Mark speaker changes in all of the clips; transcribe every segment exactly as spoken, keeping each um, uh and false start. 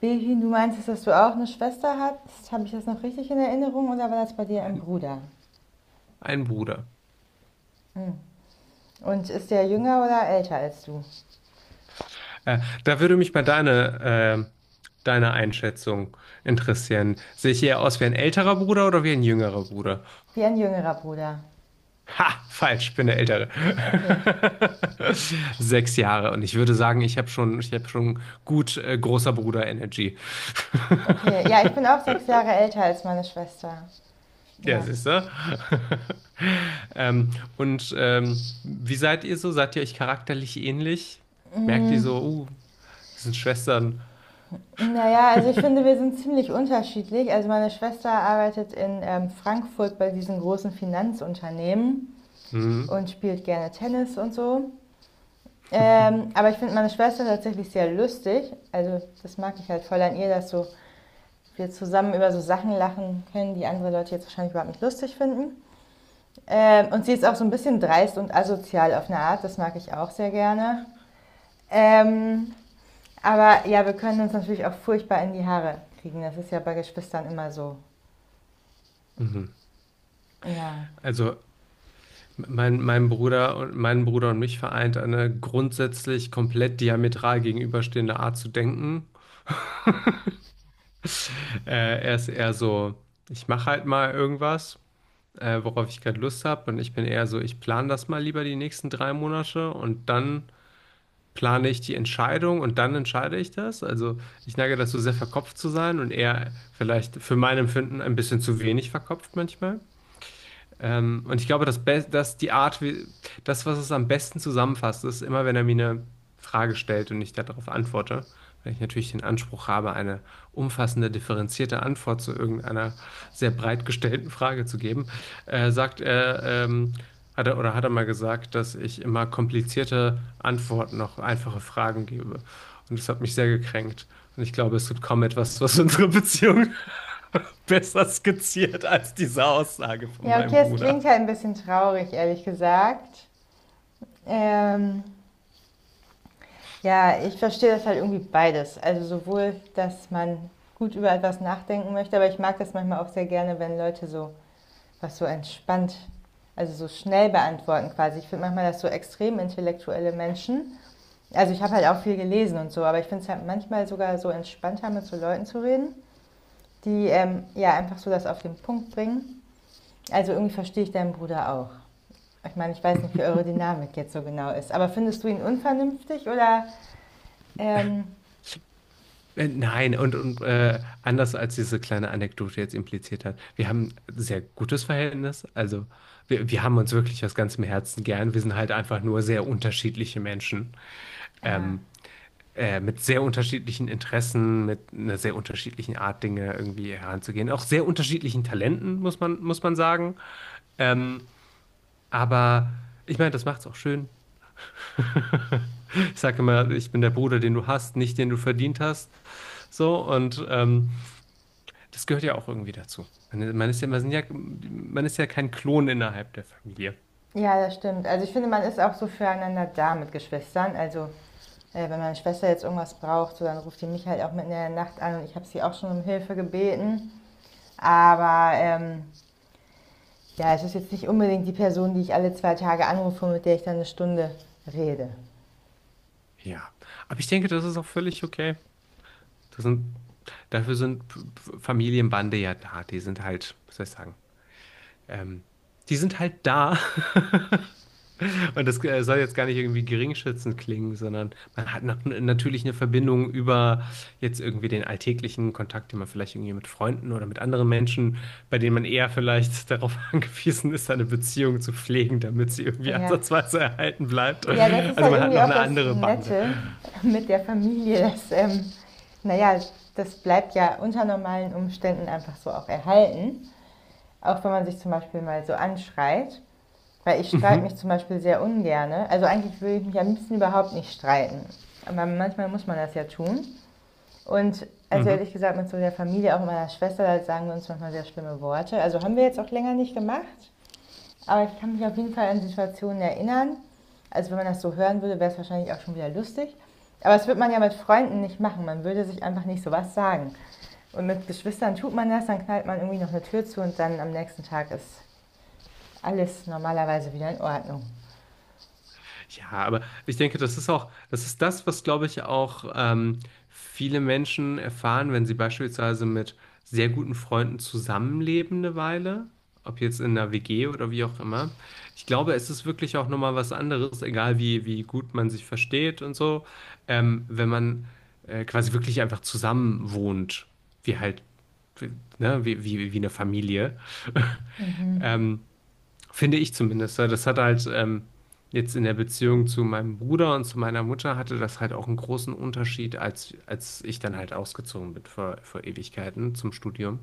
Speaker 1: Behin, du meintest, dass du auch eine Schwester hast. Habe ich das noch richtig in Erinnerung oder war das bei dir ein Bruder?
Speaker 2: Ein Bruder.
Speaker 1: Hm. Und ist der jünger oder älter als du?
Speaker 2: Äh, da würde mich mal deine, äh, deine Einschätzung interessieren. Sehe ich eher aus wie ein älterer Bruder oder wie ein jüngerer Bruder?
Speaker 1: Wie ein jüngerer Bruder.
Speaker 2: Ha, falsch, ich bin der Ältere.
Speaker 1: Okay.
Speaker 2: Sechs Jahre. Und ich würde sagen, ich habe schon, ich habe schon gut äh, großer Bruder Energy.
Speaker 1: Okay, ja, ich bin auch sechs Jahre älter als meine Schwester.
Speaker 2: Ja,
Speaker 1: Ja.
Speaker 2: siehst du? Ähm, und ähm, wie seid ihr so? Seid ihr euch charakterlich ähnlich? Merkt ihr
Speaker 1: Mm,
Speaker 2: so, uh, das sind Schwestern?
Speaker 1: naja, also ich finde, wir sind ziemlich unterschiedlich. Also meine Schwester arbeitet in ähm, Frankfurt bei diesen großen Finanzunternehmen
Speaker 2: Hm.
Speaker 1: und spielt gerne Tennis und so. Ähm, aber ich finde meine Schwester tatsächlich sehr lustig. Also das mag ich halt voll an ihr, dass so wir zusammen über so Sachen lachen können, die andere Leute jetzt wahrscheinlich überhaupt nicht lustig finden. Ähm, und sie ist auch so ein bisschen dreist und asozial auf eine Art, das mag ich auch sehr gerne. Ähm, aber ja, wir können uns natürlich auch furchtbar in die Haare kriegen. Das ist ja bei Geschwistern immer so.
Speaker 2: Mhm.
Speaker 1: Ja.
Speaker 2: Also mein, mein Bruder und meinen Bruder und mich vereint eine grundsätzlich komplett diametral gegenüberstehende Art zu denken. Äh, er ist eher so, ich mache halt mal irgendwas, äh, worauf ich gerade Lust habe, und ich bin eher so, ich plane das mal lieber die nächsten drei Monate und dann plane ich die Entscheidung und dann entscheide ich das. Also ich neige dazu, sehr verkopft zu sein und eher vielleicht für mein Empfinden ein bisschen zu wenig verkopft manchmal. Ähm, und ich glaube, das Be das, die Art, wie, das, was es am besten zusammenfasst, ist immer, wenn er mir eine Frage stellt und ich darauf antworte, weil ich natürlich den Anspruch habe, eine umfassende, differenzierte Antwort zu irgendeiner sehr breit gestellten Frage zu geben, äh, sagt er, ähm, hat er oder hat er mal gesagt, dass ich immer komplizierte Antworten auf einfache Fragen gebe. Und das hat mich sehr gekränkt. Und ich glaube, es gibt kaum etwas, was unsere Beziehung besser skizziert als diese Aussage von
Speaker 1: Ja,
Speaker 2: meinem
Speaker 1: okay, es klingt
Speaker 2: Bruder.
Speaker 1: halt ein bisschen traurig, ehrlich gesagt. Ähm, ja, ich verstehe das halt irgendwie beides. Also sowohl, dass man gut über etwas nachdenken möchte, aber ich mag das manchmal auch sehr gerne, wenn Leute so was so entspannt, also so schnell beantworten quasi. Ich finde manchmal, dass so extrem intellektuelle Menschen, also ich habe halt auch viel gelesen und so, aber ich finde es halt manchmal sogar so entspannter, mit so Leuten zu reden, die ähm, ja einfach so das auf den Punkt bringen. Also irgendwie verstehe ich deinen Bruder auch. Ich meine, ich weiß nicht, wie eure Dynamik jetzt so genau ist, aber findest du ihn unvernünftig oder ähm,
Speaker 2: Äh, Nein, und, und äh, anders als diese kleine Anekdote jetzt impliziert hat, wir haben ein sehr gutes Verhältnis. Also wir, wir haben uns wirklich aus ganzem Herzen gern. Wir sind halt einfach nur sehr unterschiedliche Menschen.
Speaker 1: ja.
Speaker 2: Ähm, äh, mit sehr unterschiedlichen Interessen, mit einer sehr unterschiedlichen Art, Dinge irgendwie heranzugehen. Auch sehr unterschiedlichen Talenten, muss man, muss man sagen. Ähm, aber ich meine, das macht's auch schön. Ich sage immer, ich bin der Bruder, den du hast, nicht den du verdient hast. So, und ähm, das gehört ja auch irgendwie dazu. Man man ist ja, man sind ja, man ist ja kein Klon innerhalb der Familie.
Speaker 1: Ja, das stimmt. Also ich finde, man ist auch so füreinander da mit Geschwistern. Also äh, wenn meine Schwester jetzt irgendwas braucht, so, dann ruft die mich halt auch mitten in der Nacht an und ich habe sie auch schon um Hilfe gebeten. Aber ähm, ja, es ist jetzt nicht unbedingt die Person, die ich alle zwei Tage anrufe, mit der ich dann eine Stunde rede.
Speaker 2: Ja, aber ich denke, das ist auch völlig okay. Das sind, Dafür sind P- P- Familienbande ja da. Die sind halt, was soll ich sagen, Ähm, die sind halt da. Und das äh, soll jetzt gar nicht irgendwie geringschätzend klingen, sondern man hat noch, natürlich eine Verbindung über jetzt irgendwie den alltäglichen Kontakt, den man vielleicht irgendwie mit Freunden oder mit anderen Menschen, bei denen man eher vielleicht darauf angewiesen ist, eine Beziehung zu pflegen, damit sie irgendwie
Speaker 1: Ja.
Speaker 2: ansatzweise erhalten bleibt.
Speaker 1: Ja, das ist
Speaker 2: Also
Speaker 1: halt
Speaker 2: man hat
Speaker 1: irgendwie
Speaker 2: noch
Speaker 1: auch
Speaker 2: eine
Speaker 1: das
Speaker 2: andere Bande.
Speaker 1: Nette mit der Familie, dass, ähm, naja, das bleibt ja unter normalen Umständen einfach so auch erhalten. Auch wenn man sich zum Beispiel mal so anschreit. Weil ich streite
Speaker 2: Mhm.
Speaker 1: mich zum Beispiel sehr ungerne. Also eigentlich würde ich mich am liebsten überhaupt nicht streiten. Aber manchmal muss man das ja tun. Und also
Speaker 2: Mhm.
Speaker 1: ehrlich gesagt, mit so der Familie, auch meiner Schwester, da sagen wir uns manchmal sehr schlimme Worte. Also haben wir jetzt auch länger nicht gemacht. Aber ich kann mich auf jeden Fall an Situationen erinnern. Also wenn man das so hören würde, wäre es wahrscheinlich auch schon wieder lustig. Aber das würde man ja mit Freunden nicht machen. Man würde sich einfach nicht sowas sagen. Und mit Geschwistern tut man das, dann knallt man irgendwie noch eine Tür zu und dann am nächsten Tag ist alles normalerweise wieder in Ordnung.
Speaker 2: Ja, aber ich denke, das ist auch, das ist das, was, glaube ich, auch ähm, viele Menschen erfahren, wenn sie beispielsweise mit sehr guten Freunden zusammenleben eine Weile, ob jetzt in einer W G oder wie auch immer. Ich glaube, es ist wirklich auch nochmal was anderes, egal wie, wie gut man sich versteht und so, ähm, wenn man äh, quasi wirklich einfach zusammen wohnt, wie halt, ne, wie, wie, wie eine Familie.
Speaker 1: Mhm.
Speaker 2: Ähm, Finde ich zumindest. Weil das hat halt ähm, jetzt in der Beziehung zu meinem Bruder und zu meiner Mutter hatte das halt auch einen großen Unterschied, als, als ich dann halt ausgezogen bin vor, vor Ewigkeiten zum Studium.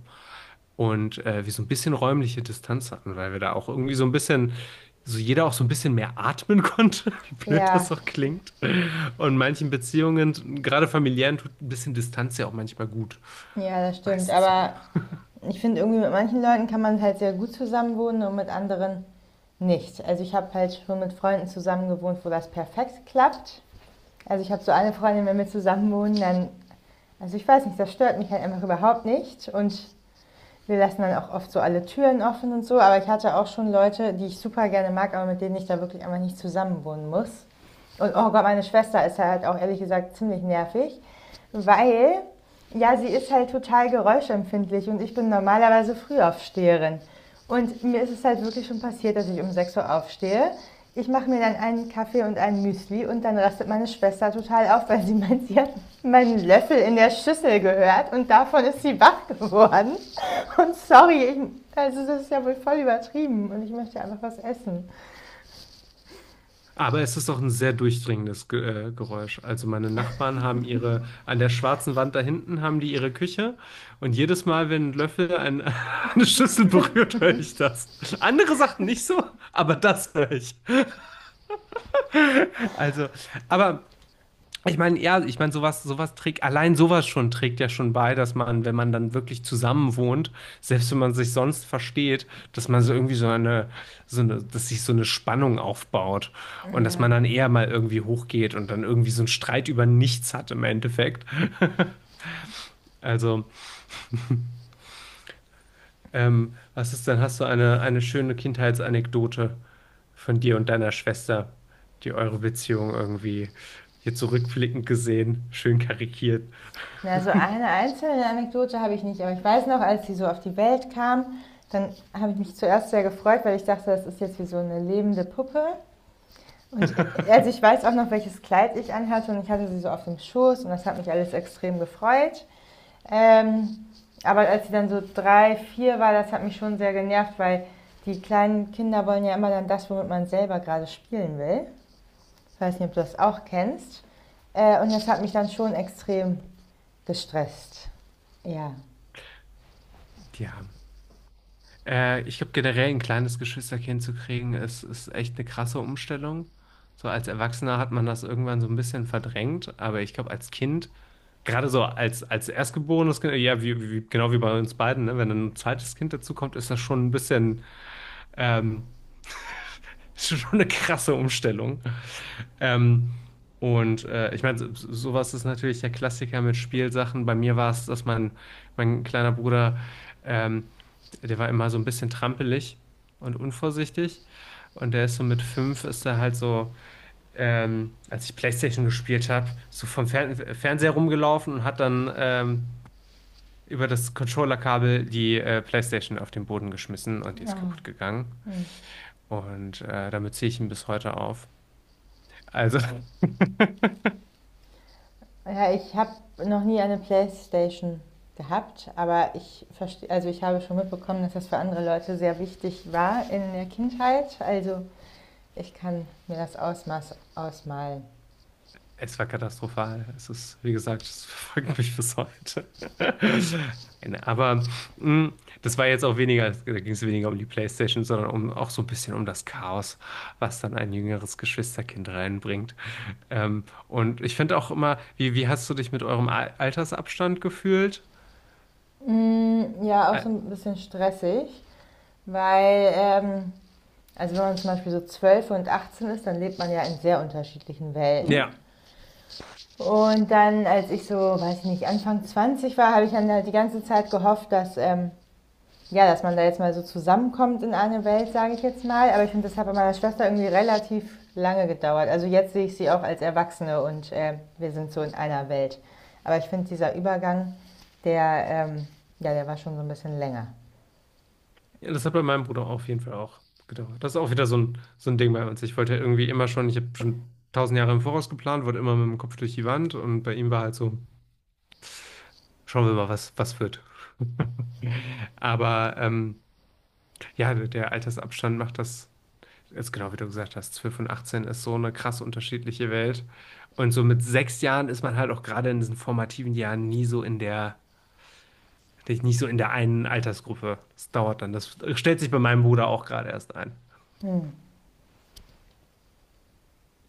Speaker 2: Und äh, wir so ein bisschen räumliche Distanz hatten, weil wir da auch irgendwie so ein bisschen, so jeder auch so ein bisschen mehr atmen konnte, wie blöd
Speaker 1: Ja,
Speaker 2: das auch klingt. Und manchen Beziehungen, gerade familiären, tut ein bisschen Distanz ja auch manchmal gut.
Speaker 1: ja, das stimmt.
Speaker 2: Meistens sogar.
Speaker 1: Aber ich finde irgendwie mit manchen Leuten kann man halt sehr gut zusammenwohnen und mit anderen nicht. Also ich habe halt schon mit Freunden zusammen gewohnt, wo das perfekt klappt. Also ich habe so eine Freundin, wenn wir zusammen wohnen, dann, also ich weiß nicht, das stört mich halt einfach überhaupt nicht. Und wir lassen dann auch oft so alle Türen offen und so. Aber ich hatte auch schon Leute, die ich super gerne mag, aber mit denen ich da wirklich einfach nicht zusammen wohnen muss. Und oh Gott, meine Schwester ist halt auch ehrlich gesagt ziemlich nervig, weil ja, sie ist halt total geräuschempfindlich und ich bin normalerweise Frühaufsteherin. Und mir ist es halt wirklich schon passiert, dass ich um sechs Uhr aufstehe. Ich mache mir dann einen Kaffee und ein Müsli und dann rastet meine Schwester total auf, weil sie meint, sie hat meinen Löffel in der Schüssel gehört und davon ist sie wach geworden. Und sorry, ich, also das ist ja wohl voll übertrieben und ich möchte einfach was essen.
Speaker 2: Aber es ist doch ein sehr durchdringendes Ge äh, Geräusch. Also meine Nachbarn haben ihre, an der schwarzen Wand da hinten haben die ihre Küche und jedes Mal, wenn ein Löffel ein, eine Schüssel berührt, höre ich das. Andere Sachen nicht so, aber das höre ich. Also, aber ich meine, ja, ich meine, sowas, sowas trägt, allein sowas schon trägt ja schon bei, dass man, wenn man dann wirklich zusammen wohnt, selbst wenn man sich sonst versteht, dass man so irgendwie so eine, so eine, dass sich so eine Spannung aufbaut und dass
Speaker 1: Ja.
Speaker 2: man dann eher mal irgendwie hochgeht und dann irgendwie so einen Streit über nichts hat im Endeffekt. Also, ähm, was ist denn, hast du eine, eine schöne Kindheitsanekdote von dir und deiner Schwester, die eure Beziehung irgendwie hier zurückblickend gesehen, schön karikiert,
Speaker 1: Na, so eine einzelne Anekdote habe ich nicht, aber ich weiß noch, als sie so auf die Welt kam, dann habe ich mich zuerst sehr gefreut, weil ich dachte, das ist jetzt wie so eine lebende Puppe. Und äh, also ich weiß auch noch, welches Kleid ich anhatte und ich hatte sie so auf dem Schoß und das hat mich alles extrem gefreut. Ähm, aber als sie dann so drei, vier war, das hat mich schon sehr genervt, weil die kleinen Kinder wollen ja immer dann das, womit man selber gerade spielen will. Ich weiß nicht, ob du das auch kennst. Äh, und das hat mich dann schon extrem gestresst. Ja.
Speaker 2: die haben? Äh, ich glaube, generell ein kleines Geschwisterkind zu kriegen, ist, ist echt eine krasse Umstellung. So als Erwachsener hat man das irgendwann so ein bisschen verdrängt, aber ich glaube, als Kind, gerade so als, als erstgeborenes Kind, ja, wie, wie, genau wie bei uns beiden, ne? Wenn dann ein zweites Kind dazu kommt, ist das schon ein bisschen, ähm, ist schon eine krasse Umstellung. Ähm, und äh, Ich meine, so- sowas ist natürlich der Klassiker mit Spielsachen. Bei mir war es, dass mein, mein kleiner Bruder, ähm, der war immer so ein bisschen trampelig und unvorsichtig. Und der ist so mit fünf, ist er halt so, ähm, als ich PlayStation gespielt habe, so vom Fern Fernseher rumgelaufen und hat dann ähm, über das Controllerkabel die äh, PlayStation auf den Boden geschmissen und die ist
Speaker 1: Oh.
Speaker 2: kaputt gegangen.
Speaker 1: Hm.
Speaker 2: Und äh, damit ziehe ich ihn bis heute auf. Also.
Speaker 1: Ja, ich habe noch nie eine Playstation gehabt, aber ich verstehe, also ich habe schon mitbekommen, dass das für andere Leute sehr wichtig war in der Kindheit. Also ich kann mir das Ausmaß ausmalen.
Speaker 2: Es war katastrophal. Es ist, wie gesagt, es verfolgt mich bis heute. Nein, aber mh, das war jetzt auch weniger, da ging es weniger um die PlayStation, sondern um, auch so ein bisschen um das Chaos, was dann ein jüngeres Geschwisterkind reinbringt. Ähm, und ich finde auch immer, wie, wie hast du dich mit eurem Al- Altersabstand gefühlt?
Speaker 1: Mm, ja, auch so
Speaker 2: Al-
Speaker 1: ein bisschen stressig, weil, ähm, also wenn man zum Beispiel so zwölf und achtzehn ist, dann lebt man ja in sehr unterschiedlichen Welten.
Speaker 2: Ja,
Speaker 1: Und dann, als ich so, weiß ich nicht, Anfang zwanzig war, habe ich dann halt die ganze Zeit gehofft, dass, ähm, ja, dass man da jetzt mal so zusammenkommt in eine Welt, sage ich jetzt mal. Aber ich finde, das hat bei meiner Schwester irgendwie relativ lange gedauert. Also jetzt sehe ich sie auch als Erwachsene und äh, wir sind so in einer Welt. Aber ich finde, dieser Übergang, der, ähm, ja, der war schon so ein bisschen länger.
Speaker 2: ja, das hat bei meinem Bruder auf jeden Fall auch gedauert. Das ist auch wieder so ein, so ein Ding bei uns. Ich wollte ja irgendwie immer schon, ich habe schon tausend Jahre im Voraus geplant, wurde immer mit dem Kopf durch die Wand und bei ihm war halt so. Schauen wir mal, was, was wird. Aber ähm, ja, der der Altersabstand macht das, jetzt genau wie du gesagt hast, zwölf und achtzehn ist so eine krass unterschiedliche Welt. Und so mit sechs Jahren ist man halt auch gerade in diesen formativen Jahren nie so in der, nicht so in der einen Altersgruppe. Das dauert dann. Das stellt sich bei meinem Bruder auch gerade erst ein.
Speaker 1: Hm.